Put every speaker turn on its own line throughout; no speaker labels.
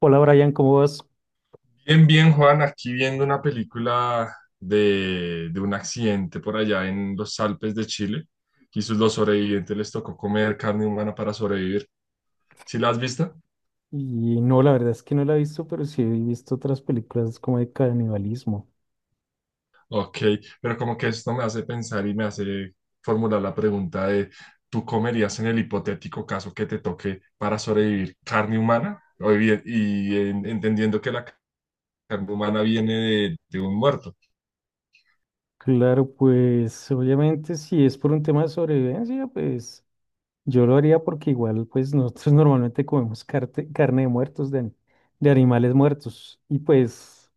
Hola Brian, ¿cómo vas?
Bien, bien, Juan, aquí viendo una película de un accidente por allá en los Alpes de Chile. Y los sobrevivientes les tocó comer carne humana para sobrevivir. ¿Sí la has visto?
Y no, la verdad es que no la he visto, pero sí he visto otras películas como de canibalismo.
Ok, pero como que esto me hace pensar y me hace formular la pregunta de, ¿tú comerías en el hipotético caso que te toque para sobrevivir carne humana? Y, entendiendo que la carne humana viene de un muerto.
Claro, pues obviamente si es por un tema de sobrevivencia, pues yo lo haría porque igual pues nosotros normalmente comemos carne de muertos, de, de animales muertos. Y pues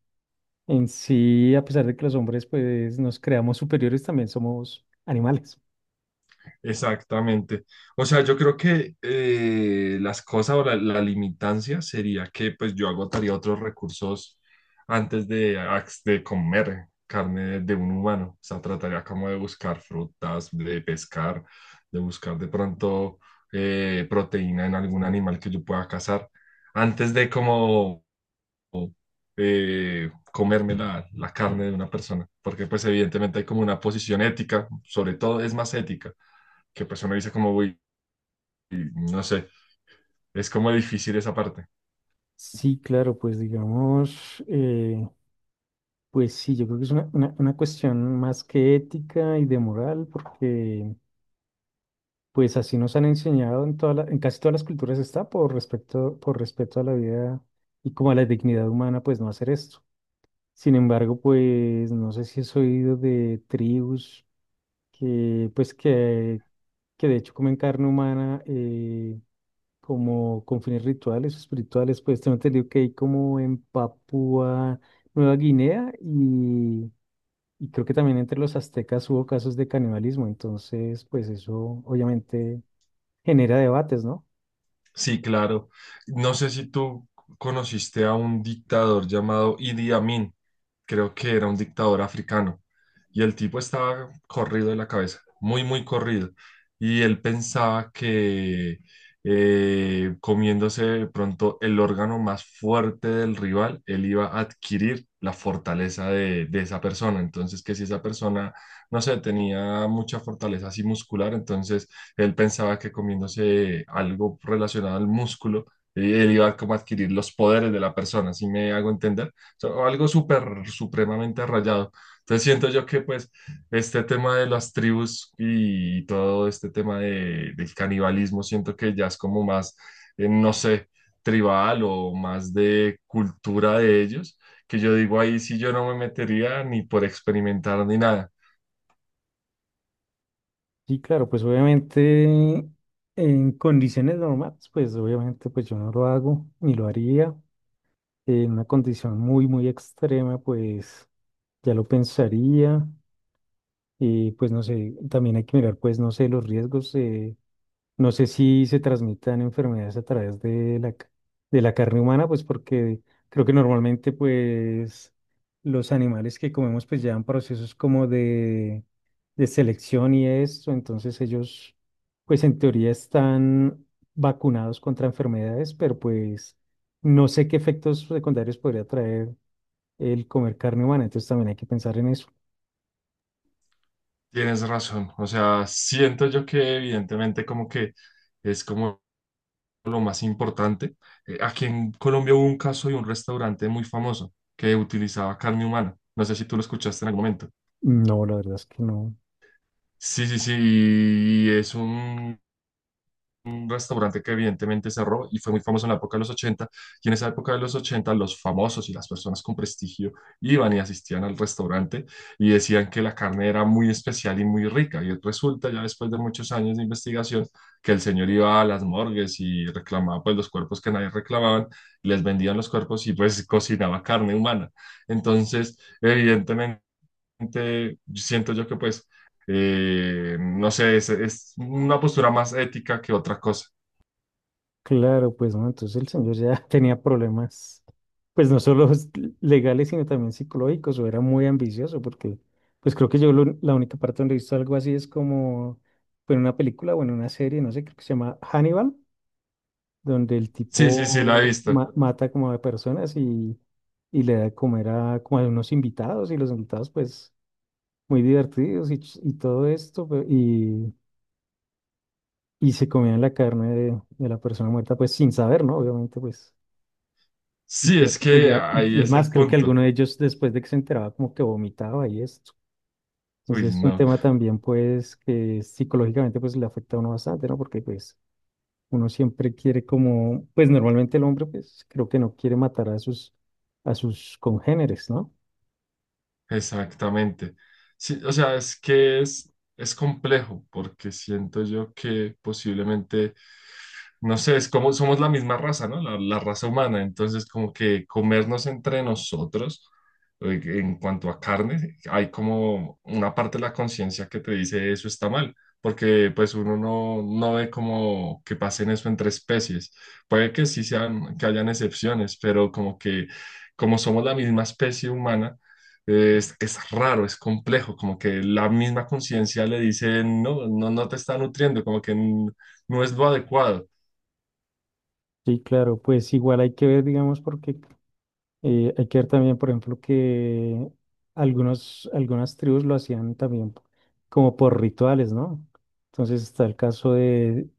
en sí, a pesar de que los hombres pues nos creamos superiores, también somos animales.
Exactamente. O sea, yo creo que las cosas o la limitancia sería que pues yo agotaría otros recursos antes de comer carne de un humano. O sea, trataría como de buscar frutas, de pescar, de buscar de pronto proteína en algún animal que yo pueda cazar antes de como comerme la carne de una persona, porque pues evidentemente hay como una posición ética, sobre todo es más ética, que pues uno dice como, uy, no sé, es como difícil esa parte.
Sí, claro, pues digamos, pues sí, yo creo que es una cuestión más que ética y de moral, porque pues así nos han enseñado en en casi todas las culturas está por respecto, por respeto a la vida y como a la dignidad humana, pues no hacer esto. Sin embargo, pues no sé si has oído de tribus que que de hecho comen carne humana como con fines rituales o espirituales. Pues tengo entendido que hay como en Papúa Nueva Guinea, y creo que también entre los aztecas hubo casos de canibalismo, entonces pues eso obviamente genera debates, ¿no?
Sí, claro. No sé si tú conociste a un dictador llamado Idi Amin, creo que era un dictador africano, y el tipo estaba corrido de la cabeza, muy, muy corrido, y él pensaba que comiéndose de pronto el órgano más fuerte del rival, él iba a adquirir la fortaleza de esa persona. Entonces, que si esa persona, no sé, tenía mucha fortaleza así muscular, entonces él pensaba que comiéndose algo relacionado al músculo, él iba como a adquirir los poderes de la persona, ¿si me hago entender? O sea, algo súper, supremamente rayado. Entonces siento yo que pues este tema de las tribus y todo este tema del canibalismo, siento que ya es como más, no sé, tribal o más de cultura de ellos, que yo digo ahí sí yo no me metería ni por experimentar ni nada.
Sí, claro, pues obviamente en condiciones normales, pues obviamente pues yo no lo hago ni lo haría. En una condición muy, muy extrema, pues ya lo pensaría. Y pues no sé, también hay que mirar pues no sé los riesgos. No sé si se transmitan enfermedades a través de de la carne humana, pues porque creo que normalmente pues los animales que comemos pues llevan procesos como de selección y eso, entonces ellos pues en teoría están vacunados contra enfermedades, pero pues no sé qué efectos secundarios podría traer el comer carne humana, entonces también hay que pensar en eso.
Tienes razón, o sea, siento yo que evidentemente como que es como lo más importante. Aquí en Colombia hubo un caso de un restaurante muy famoso que utilizaba carne humana. No sé si tú lo escuchaste en algún momento.
No, la verdad es que no.
Sí, sí, sí, y es un restaurante que evidentemente cerró y fue muy famoso en la época de los ochenta. Y en esa época de los 80 los famosos y las personas con prestigio iban y asistían al restaurante y decían que la carne era muy especial y muy rica. Y resulta ya después de muchos años de investigación que el señor iba a las morgues y reclamaba pues los cuerpos que nadie reclamaban, les vendían los cuerpos y pues cocinaba carne humana. Entonces, evidentemente, siento yo que pues... no sé, es una postura más ética que otra cosa.
Claro, pues no, entonces el señor ya tenía problemas, pues no solo legales, sino también psicológicos, o era muy ambicioso, porque pues creo que la única parte donde he visto algo así es como fue en una película o en una serie, no sé, creo que se llama Hannibal, donde el
Sí, sí, sí, la he
tipo
visto.
mata como a personas, y le da de comer a como a unos invitados, y los invitados pues muy divertidos y, todo esto, y se comían la carne de la persona muerta pues sin saber, ¿no? Obviamente pues. Y
Sí,
creo
es
que pues
que
ya,
ahí
y es
es
más,
el
creo que
punto.
alguno de ellos después de que se enteraba como que vomitaba y esto.
Uy,
Entonces es un
no.
tema también pues que psicológicamente pues le afecta a uno bastante, ¿no? Porque pues uno siempre quiere como, pues normalmente el hombre pues creo que no quiere matar a sus congéneres, ¿no?
Exactamente. Sí, o sea, es que es complejo porque siento yo que posiblemente, no sé, es como somos la misma raza, ¿no? La raza humana. Entonces, como que comernos entre nosotros en cuanto a carne, hay como una parte de la conciencia que te dice eso está mal. Porque pues uno no, no ve como que pasen eso entre especies. Puede que sí sean, que hayan excepciones, pero como que como somos la misma especie humana, es raro, es complejo, como que la misma conciencia le dice, no, no, no te está nutriendo, como que no es lo adecuado.
Sí, claro, pues igual hay que ver, digamos, porque hay que ver también, por ejemplo, que algunas tribus lo hacían también como por rituales, ¿no? Entonces está el caso de...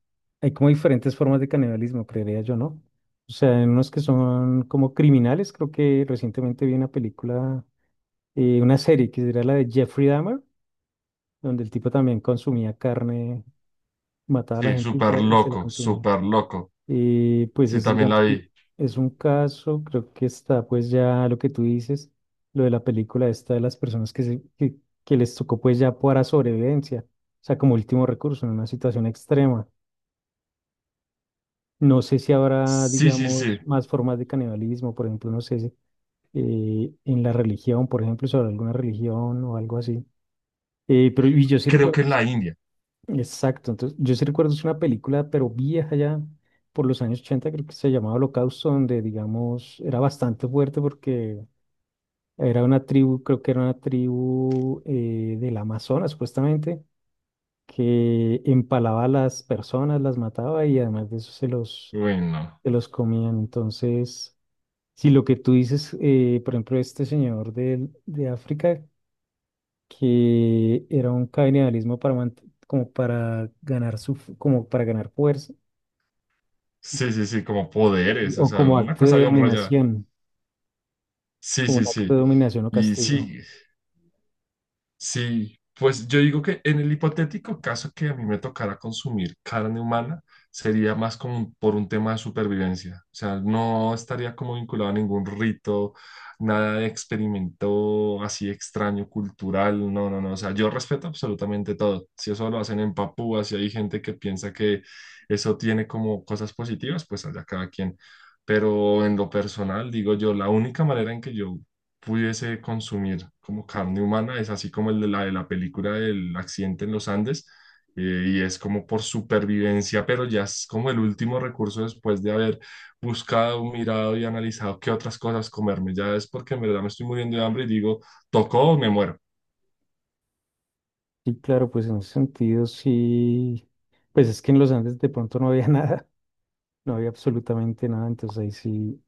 Hay como diferentes formas de canibalismo, creería yo, ¿no? O sea, hay unos que son como criminales. Creo que recientemente vi una película, una serie que era la de Jeffrey Dahmer, donde el tipo también consumía carne, mataba a la
Sí,
gente
súper
y se la
loco,
consumía.
súper loco.
Pues
Sí,
es,
también la
digamos que
vi.
es un caso. Creo que está pues ya lo que tú dices, lo de la película esta de las personas que les tocó pues ya para sobrevivencia, o sea, como último recurso en una situación extrema. No sé si habrá,
Sí, sí, sí,
digamos, más formas de canibalismo, por ejemplo, no sé si en la religión, por ejemplo, sobre alguna religión o algo así. Pero y yo sí
creo
recuerdo
que en la India.
exacto, entonces yo sí recuerdo es una película, pero vieja ya, por los años 80, creo que se llamaba Holocausto, donde digamos era bastante fuerte porque era una tribu, creo que era una tribu del Amazonas supuestamente, que empalaba a las personas, las mataba y además de eso
Bueno,
se los comían. Entonces, si lo que tú dices, por ejemplo, este señor de África, que era un canibalismo como para ganar como para ganar fuerza.
sí, sí, sí, como poderes, o
O
sea,
como
una
acto
cosa
de
bien rayada.
dominación,
Sí,
como un
sí,
acto
sí.
de dominación o
Y
castigo.
sí. Sí, pues yo digo que en el hipotético caso que a mí me tocara consumir carne humana, sería más como por un tema de supervivencia. O sea, no estaría como vinculado a ningún rito, nada de experimento así extraño, cultural. No, no, no. O sea, yo respeto absolutamente todo. Si eso lo hacen en Papúa, si hay gente que piensa que eso tiene como cosas positivas, pues allá cada quien. Pero en lo personal, digo yo, la única manera en que yo pudiese consumir como carne humana, es así como el de de la película del accidente en los Andes, y es como por supervivencia, pero ya es como el último recurso después de haber buscado, mirado y analizado qué otras cosas comerme, ya es porque en verdad me estoy muriendo de hambre y digo, tocó o me muero.
Sí, claro, pues en ese sentido sí. Pues es que en los Andes de pronto no había nada, no había absolutamente nada, entonces ahí sí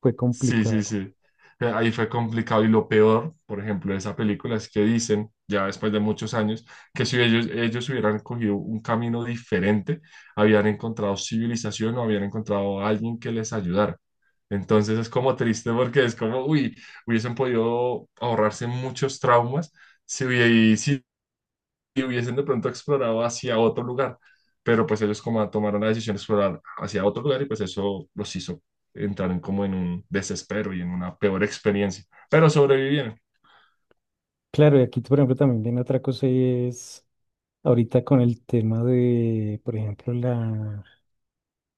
fue
Sí, sí,
complicado.
sí. Ahí fue complicado y lo peor, por ejemplo, de esa película es que dicen, ya después de muchos años, que si ellos, ellos hubieran cogido un camino diferente, habían encontrado civilización o habían encontrado a alguien que les ayudara. Entonces es como triste porque es como, uy, hubiesen podido ahorrarse muchos traumas si, y hubiesen de pronto explorado hacia otro lugar, pero pues ellos como tomaron la decisión de explorar hacia otro lugar y pues eso los hizo entrar en como en un desespero y en una peor experiencia, pero sobrevivieron.
Claro, y aquí, por ejemplo, también viene otra cosa, y es ahorita con el tema de, por ejemplo,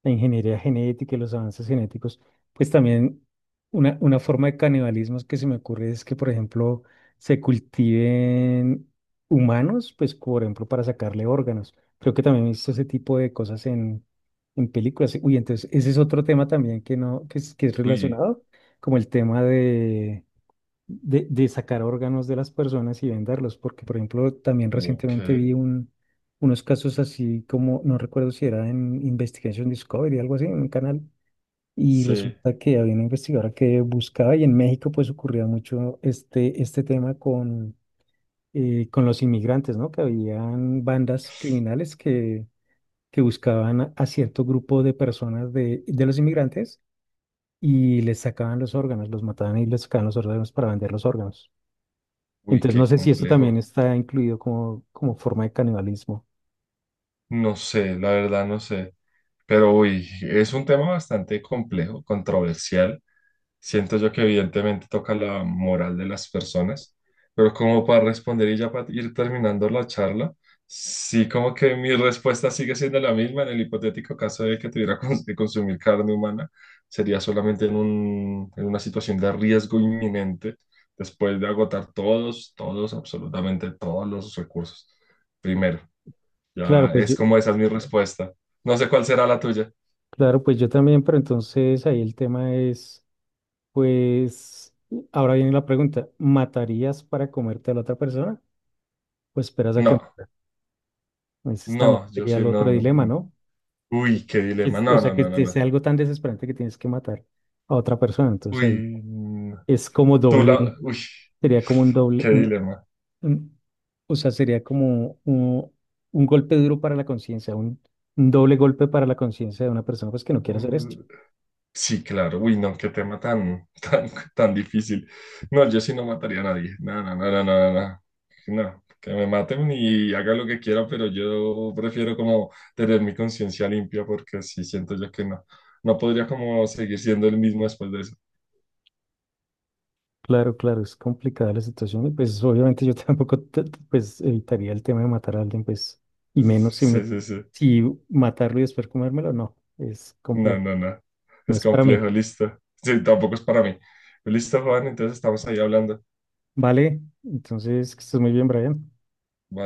la ingeniería genética y los avances genéticos. Pues también una forma de canibalismo que se me ocurre es que, por ejemplo, se cultiven humanos, pues, por ejemplo, para sacarle órganos. Creo que también he visto ese tipo de cosas en películas. Uy, entonces, ese es otro tema también que no, que es
Uy,
relacionado, como el tema de sacar órganos de las personas y venderlos, porque por ejemplo también
ok,
recientemente vi un, unos casos así como, no recuerdo si era en Investigation Discovery, algo así, en un canal, y
sí,
resulta que había una investigadora que buscaba, y en México pues ocurría mucho este, este tema con los inmigrantes, ¿no? Que habían bandas criminales que buscaban a cierto grupo de personas de los inmigrantes. Y les sacaban los órganos, los mataban y les sacaban los órganos para vender los órganos.
uy,
Entonces no
qué
sé si esto también
complejo.
está incluido como, como forma de canibalismo.
No sé, la verdad no sé, pero uy, es un tema bastante complejo, controversial. Siento yo que evidentemente toca la moral de las personas, pero como para responder y ya para ir terminando la charla, sí como que mi respuesta sigue siendo la misma en el hipotético caso de que tuviera que consumir carne humana, sería solamente en un, en una situación de riesgo inminente, después de agotar todos, todos, absolutamente todos los recursos. Primero,
Claro,
ya
pues
es
yo,
como esa es mi respuesta. No sé cuál será la tuya.
claro, pues yo también, pero entonces ahí el tema es, pues, ahora viene la pregunta, ¿matarías para comerte a la otra persona? Pues esperas a que
No,
muera. Ese también
no, yo
sería
sí
el
no.
otro dilema, ¿no? Que-
Uy, qué dilema.
o
No, no,
sea, que
no, no,
te
no.
sea algo tan desesperante que tienes que matar a otra persona. Entonces
Uy,
ahí
mm,
es como
tú la.
doble,
Uy,
sería como un doble,
qué dilema.
Un- o sea, sería como un golpe duro para la conciencia, un doble golpe para la conciencia de una persona pues, que no quiere hacer
Uh,
esto.
sí, claro. Uy, no, qué tema tan, tan, tan difícil. No, yo sí no mataría a nadie. No, no, no, no, no, no. No, no, que me maten y haga lo que quiera, pero yo prefiero como tener mi conciencia limpia porque sí siento yo que no. No podría como seguir siendo el mismo después de eso.
Claro, claro, es complicada la situación y pues obviamente yo tampoco pues evitaría el tema de matar a alguien, pues, y menos si
Sí,
me,
sí, sí.
si matarlo y después comérmelo, no, es
No,
complejo,
no, no.
no
Es
es para mí.
complejo, listo. Sí, tampoco es para mí. Listo, Juan, entonces estamos ahí hablando.
Vale, entonces que estés muy bien, Brian.
Bye.